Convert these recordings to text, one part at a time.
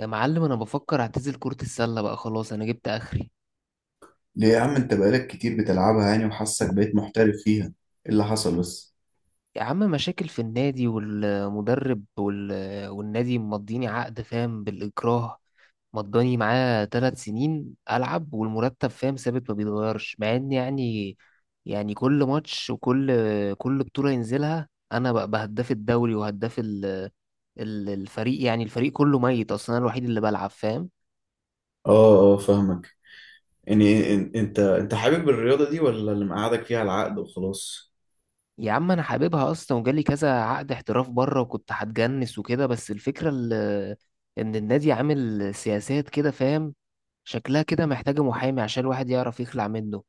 يا معلم انا بفكر اعتزل كرة السلة بقى. خلاص انا جبت اخري. ليه يا عم؟ انت بقالك كتير بتلعبها يعني، وحاسك بقيت محترف فيها، ايه اللي حصل بس؟ يا عم مشاكل في النادي والمدرب والنادي مضيني عقد، فاهم، بالاكراه. مضاني معاه 3 سنين العب والمرتب، فاهم، ثابت ما بيتغيرش، مع ان يعني، يعني كل ماتش وكل بطولة ينزلها انا بقى هداف الدوري وهداف الفريق، يعني الفريق كله ميت اصلا، انا الوحيد اللي بلعب، فاهم. اه، اه، فاهمك. يعني انت حابب الرياضة دي ولا اللي مقعدك فيها العقد وخلاص؟ يا عم انا حاببها اصلا، وجالي كذا عقد احتراف بره، وكنت هتجنس وكده، بس ان النادي عامل سياسات كده، فاهم. شكلها كده محتاجه محامي عشان الواحد يعرف يخلع منه.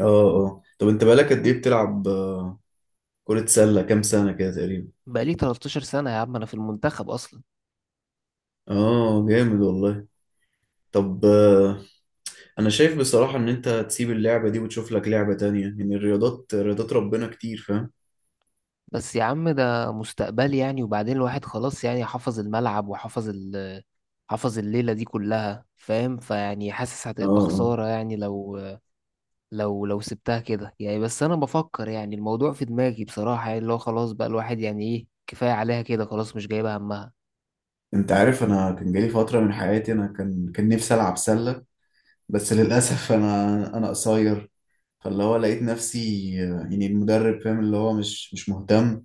اه، اه، طب انت بقالك قد ايه بتلعب كرة سلة، كام سنة كده تقريبا؟ بقالي 13 سنه يا عم انا في المنتخب اصلا. اه، جامد والله. طب انا شايف بصراحة ان انت تسيب اللعبة دي وتشوف لك لعبة تانية، يعني الرياضات، رياضات ربنا كتير، فاهم. بس يا عم ده مستقبلي يعني، وبعدين الواحد خلاص يعني حفظ الملعب وحفظ ال حفظ الليله دي كلها، فاهم، فيعني حاسس اه، هتبقى اه. خساره يعني لو لو سبتها كده يعني. بس انا بفكر يعني، الموضوع في دماغي بصراحة، يعني اللي هو خلاص بقى الواحد يعني ايه، كفاية عليها كده خلاص، مش جايبة همها. انت عارف، انا كان جالي فترة من حياتي، انا كان نفسي العب سلة. بس للأسف أنا قصير. فاللي هو لقيت نفسي يعني المدرب، فاهم، اللي هو مش مهتم،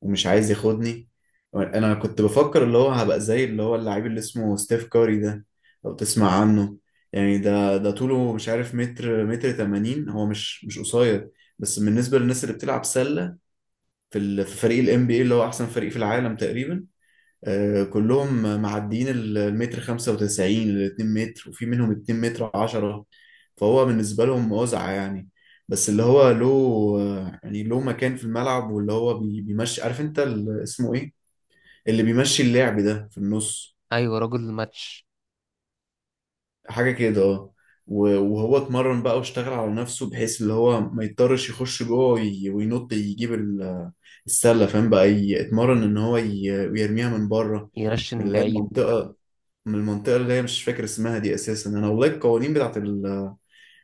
ومش عايز ياخدني. أنا كنت بفكر اللي هو هبقى زي اللي هو اللاعب اللي اسمه ستيف كاري ده، لو تسمع عنه. يعني ده طوله مش عارف، متر 80، هو مش قصير، بس بالنسبة للناس اللي بتلعب سلة، في فريق ال NBA اللي هو أحسن فريق في العالم تقريبا. كلهم معديين المتر 95 لل 2 متر، وفي منهم 2 متر 10، فهو بالنسبة لهم وزعة يعني. بس اللي هو له يعني له مكان في الملعب، واللي هو بيمشي، عارف انت اسمه ايه، اللي بيمشي اللعب ده في النص، ايوه، رجل الماتش. حاجة كده، اه. وهو اتمرن بقى واشتغل على نفسه، بحيث اللي هو ما يضطرش يخش جوه وينط يجيب السلة، فاهم، بقى اتمرن ان هو يرميها من بره، يرشن من من اللي هي بعيد. المنطقة، من المنطقة اللي هي مش فاكر اسمها دي أساسا، أنا والله القوانين بتاعت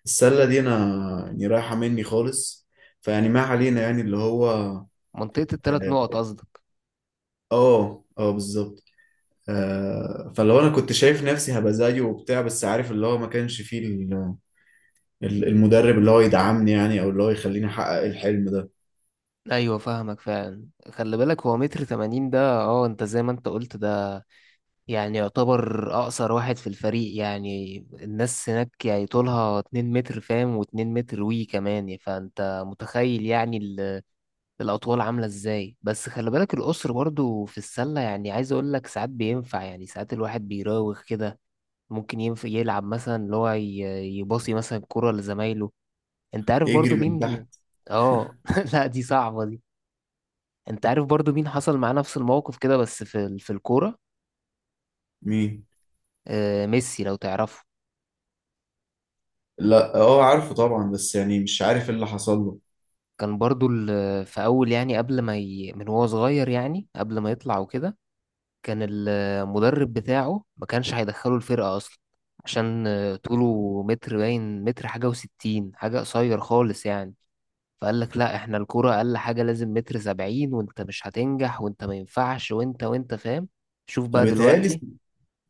السلة دي أنا يعني رايحة مني خالص. فيعني ما علينا، يعني اللي هو منطقة التلات نقط قصدك. آه، آه، بالظبط. آه، فلو أنا كنت شايف نفسي هبقى زيه وبتاع، بس عارف اللي هو ما كانش فيه المدرب اللي هو يدعمني، يعني أو اللي هو يخليني أحقق الحلم ده. ايوه فاهمك فعلا. خلي بالك هو 1.80 متر ده، اه انت زي ما انت قلت، ده يعني يعتبر اقصر واحد في الفريق، يعني الناس هناك يعني طولها 2 متر، فاهم، واتنين متر وي كمان، يعني فانت متخيل يعني الأطوال عاملة إزاي. بس خلي بالك القصر برضو في السلة يعني، عايز أقول لك ساعات بينفع، يعني ساعات الواحد بيراوغ كده. ممكن ينفع يلعب مثلا، اللي هو يباصي مثلا كرة لزمايله. أنت عارف يجري برضو من مين. تحت. آه لا دي صعبة دي. أنت عارف برضو مين حصل معاه نفس الموقف كده، بس في الكورة. مين؟ آه ميسي لو تعرفه. لا، آه، عارفه طبعا، بس يعني مش عارف إيه اللي حصل له. كان برضو في أول، يعني قبل ما من وهو صغير، يعني قبل ما يطلع وكده، كان المدرب بتاعه ما كانش هيدخله الفرقة أصلا، عشان طوله متر باين، متر حاجة وستين حاجة، قصير خالص يعني. فقال لك لا احنا الكرة أقل حاجة لازم 1.70 متر، وانت مش هتنجح، وانت ما ينفعش، وانت فاهم. شوف أنا بقى بيتهيألي، دلوقتي.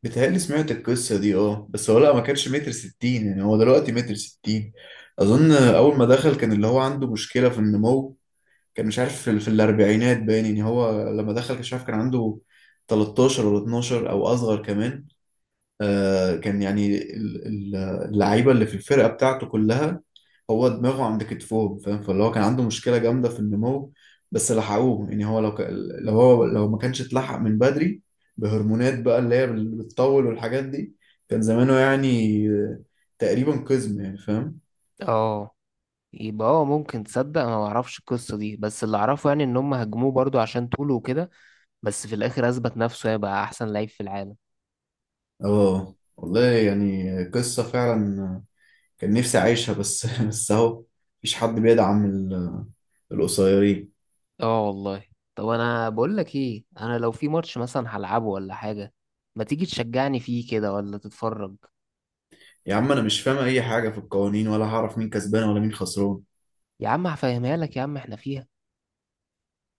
بتهيألي سمعت القصة دي، اه، بس هو لا ما كانش متر ستين، يعني هو دلوقتي متر ستين. أظن أول ما دخل كان اللي هو عنده مشكلة في النمو، كان مش عارف في الأربعينات باين، يعني هو لما دخل كان مش عارف كان عنده 13 ولا 12 أو أصغر كمان. آه كان يعني اللعيبة اللي في الفرقة بتاعته كلها، هو دماغه عند كتفه، فاهم، فاللي هو كان عنده مشكلة جامدة في النمو. بس لحقوه، يعني هو لو ما كانش اتلحق من بدري بهرمونات بقى اللي هي بتطول والحاجات دي، كان زمانه يعني، تقريبا قزم يعني، فاهم. اه. يبقى ممكن تصدق انا ما اعرفش القصة دي، بس اللي اعرفه يعني ان هم هجموه برضو عشان طوله وكده، بس في الاخر اثبت نفسه هيبقى احسن لعيب في العالم. اه والله، يعني قصة فعلا، كان نفسي أعيشها، بس بس أهو، مفيش حد بيدعم القصيرين. اه والله. طب انا بقول لك ايه، انا لو في ماتش مثلا هلعبه ولا حاجه، ما تيجي تشجعني فيه كده ولا تتفرج. يا عم، أنا مش فاهم أي حاجة في القوانين، ولا هعرف مين كسبان ولا مين خسران. يا عم هفهمها لك يا عم، احنا فيها.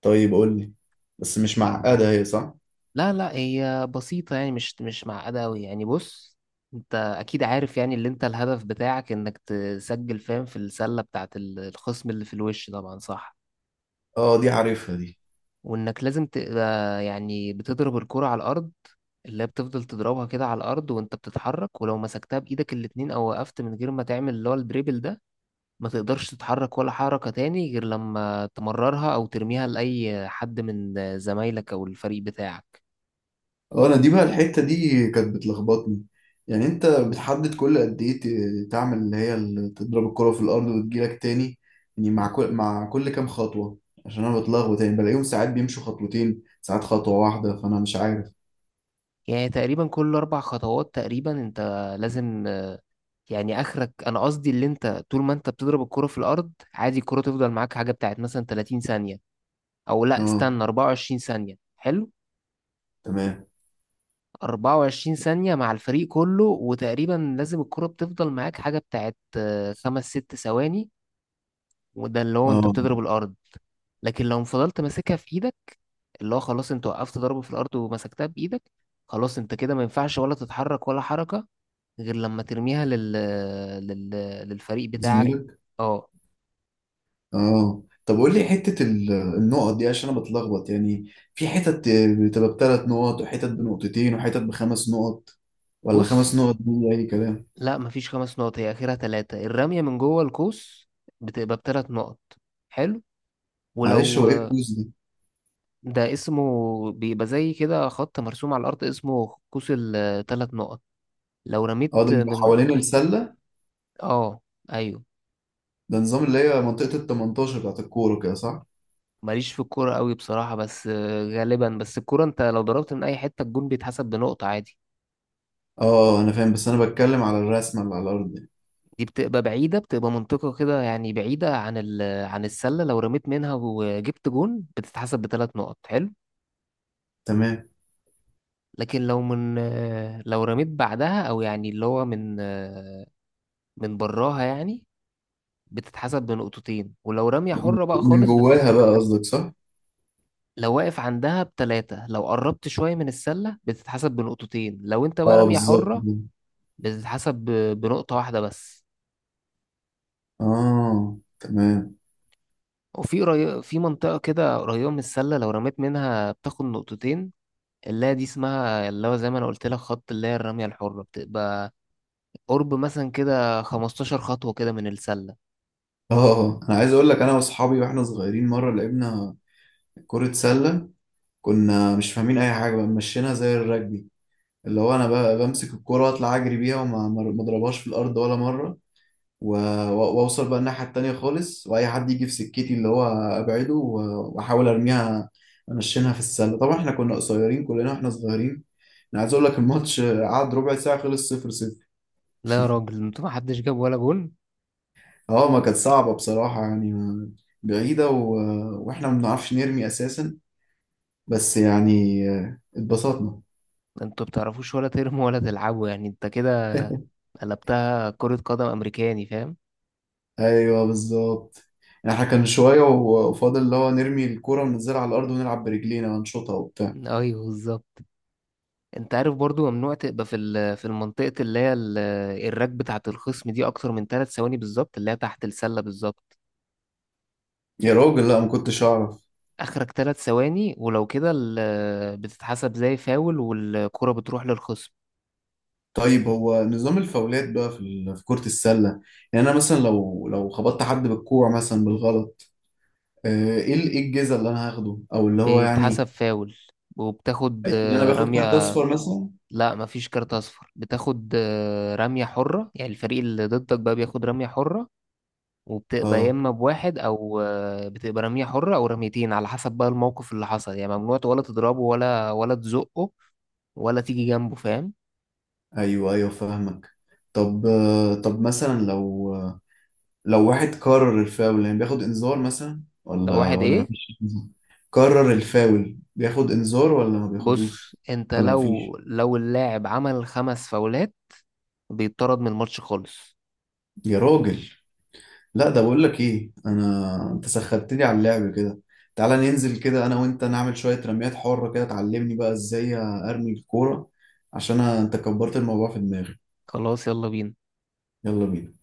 طيب قول لي، بس مش معقدة هي، صح؟ لا لا هي بسيطه يعني، مش معقده قوي يعني. بص، انت اكيد عارف يعني، اللي انت الهدف بتاعك انك تسجل، فاهم، في السله بتاعت الخصم اللي في الوش طبعا، صح. اه، دي عارفها دي. وانك لازم تبقى يعني بتضرب الكره على الارض، اللي هي بتفضل تضربها كده على الارض وانت بتتحرك. ولو مسكتها بايدك الاتنين، او وقفت من غير ما تعمل اللي هو الدريبل ده، ما تقدرش تتحرك ولا حركة تاني غير لما تمررها أو ترميها لأي حد من زمايلك أو الفريق بتاعك. اه، انا دي بقى الحتة دي كانت بتلخبطني. يعني انت بتحدد كل قد ايه تعمل اللي هي تضرب الكرة في الارض وتجيلك تاني؟ يعني مع كل كام خطوة؟ عشان انا بتلخبط، يعني بلاقيهم ساعات بيمشوا خطوتين، ساعات خطوة واحدة، فانا مش عارف. يعني تقريبا كل أربع خطوات تقريبا أنت لازم يعني آخرك، أنا قصدي اللي أنت طول ما أنت بتضرب الكرة في الأرض عادي، الكرة تفضل معاك حاجة بتاعت مثلا 30 ثانية، أو لأ اه، استنى، 24 ثانية حلو. تمام. 24 ثانية مع الفريق كله، وتقريبا لازم الكرة بتفضل معاك حاجة بتاعت خمس ست ثواني، وده اللي هو أنت اه، بتضرب الأرض. لكن لو فضلت ماسكها في ايدك، اللي هو خلاص انت وقفت ضربه في الارض ومسكتها بايدك، خلاص انت كده ما ينفعش ولا تتحرك ولا حركه، غير لما ترميها لل... للفريق بتاعك. زميلك. اه. اه، طب قول لي حتة النقط دي، عشان انا بتلخبط، يعني في حتت بتبقى بثلاث نقط، وحتت بنقطتين، وحتت بخمس نقط، ولا خمس بص، نقط دي اي كلام؟ لا مفيش خمس نقط، هي اخرها ثلاثه، الرميه من جوه القوس بتبقى بثلاث نقط. حلو. معلش، ولو هو ايه الكويز؟ ده اسمه، بيبقى زي كده خط مرسوم على الارض اسمه قوس ال3 نقط. لو رميت اه، ده بيبقى من حوالين السلة. اه ايوه. ده نظام اللي هي منطقة ال 18 بتاعت الكورة كده، صح؟ ماليش في الكورة قوي بصراحة، بس غالبا، بس الكورة انت لو ضربت من اي حتة الجون بيتحسب بنقطة عادي. اه، انا فاهم، بس انا بتكلم على الرسمة اللي على الأرض يعني. دي بتبقى بعيدة، بتبقى منطقة كده يعني بعيدة عن عن السلة، لو رميت منها وجبت جون بتتحسب بثلاث نقط، حلو. تمام. لكن لو من لو رميت بعدها، او يعني اللي هو من من براها يعني، بتتحسب بنقطتين. ولو رمية حرة بقى من خالص جواها بقى قصدك، صح؟ لو واقف عندها بتلاتة، لو قربت شوية من السلة بتتحسب بنقطتين، لو انت بقى اه رمية بالظبط حرة كده. بتتحسب بنقطة واحدة بس. اه، تمام. في منطقة كده قريبة من السلة لو رميت منها بتاخد نقطتين، اللي هي دي اسمها اللي هو زي ما انا قلت لك، خط اللي هي الرمية الحرة، بتبقى قرب مثلا كده 15 خطوة كده من السلة. اه، انا عايز اقول لك، انا واصحابي واحنا صغيرين مرة لعبنا كرة سلة، كنا مش فاهمين اي حاجة، بقى مشينا زي الرجبي، اللي هو انا بقى بمسك الكرة، اطلع اجري بيها، وما ما اضربهاش في الارض ولا مرة، واوصل بقى الناحية التانية خالص، واي حد يجي في سكتي اللي هو ابعده، واحاول ارميها، انشنها في السلة. طبعا احنا كنا قصيرين كلنا واحنا صغيرين. انا عايز اقول لك، الماتش قعد ربع ساعة خلص صفر صفر. لا يا راجل، انتوا ما حدش جاب ولا جون؟ اه، ما كانت صعبة بصراحة يعني، بعيدة واحنا ما بنعرفش نرمي اساسا، بس يعني اتبسطنا. انتوا بتعرفوش ولا ترموا ولا تلعبوا يعني، انت كده قلبتها كرة قدم امريكاني فاهم. ايوه، بالظبط. يعني احنا كان شوية وفاضل اللي هو نرمي الكرة وننزلها على الارض ونلعب برجلينا ونشوطها وبتاع. ايوه بالظبط. انت عارف برضو ممنوع تبقى في المنطقة اللي هي الراك بتاعة الخصم دي اكتر من 3 ثواني، بالظبط اللي هي تحت السلة بالظبط. يا راجل، لا، ما كنتش اعرف. اخرك 3 ثواني، ولو كده بتتحسب زي فاول، والكرة بتروح للخصم. طيب، هو نظام الفاولات بقى في كرة السلة، يعني أنا مثلا لو خبطت حد بالكوع مثلا بالغلط، إيه الجزا اللي أنا هاخده أو اللي هو بيتحسب يعني؟ فاول وبتاخد يعني أنا باخد كارت رمية. أصفر مثلا؟ لا مفيش كارت اصفر، بتاخد رمية حرة، يعني الفريق اللي ضدك بقى بياخد رمية حرة، وبتبقى يا أه، اما بواحد او بتبقى رمية حرة او رميتين على حسب بقى الموقف اللي حصل يعني. ممنوع ولا تضربه ولا تزقه ولا تيجي جنبه، فاهم. أيوه، أيوه، فاهمك. طب طب مثلا، لو لو واحد كرر الفاول يعني بياخد إنذار مثلا لو ولا واحد ولا ايه. مفيش إنذار؟ كرر الفاول بياخد إنذار ولا ما بص بياخدوش، انت ولا مفيش. لو اللاعب عمل 5 فاولات بيطرد من الماتش خالص. يا راجل، لا، ده بقول لك ايه، انا انت سخنتني على اللعب كده، تعالى ننزل كده انا وانت، نعمل شوية رميات حرة كده، تعلمني بقى ازاي ارمي الكورة. عشان انت كبرت الموضوع في دماغي. خلاص يلا بينا. يلا بينا.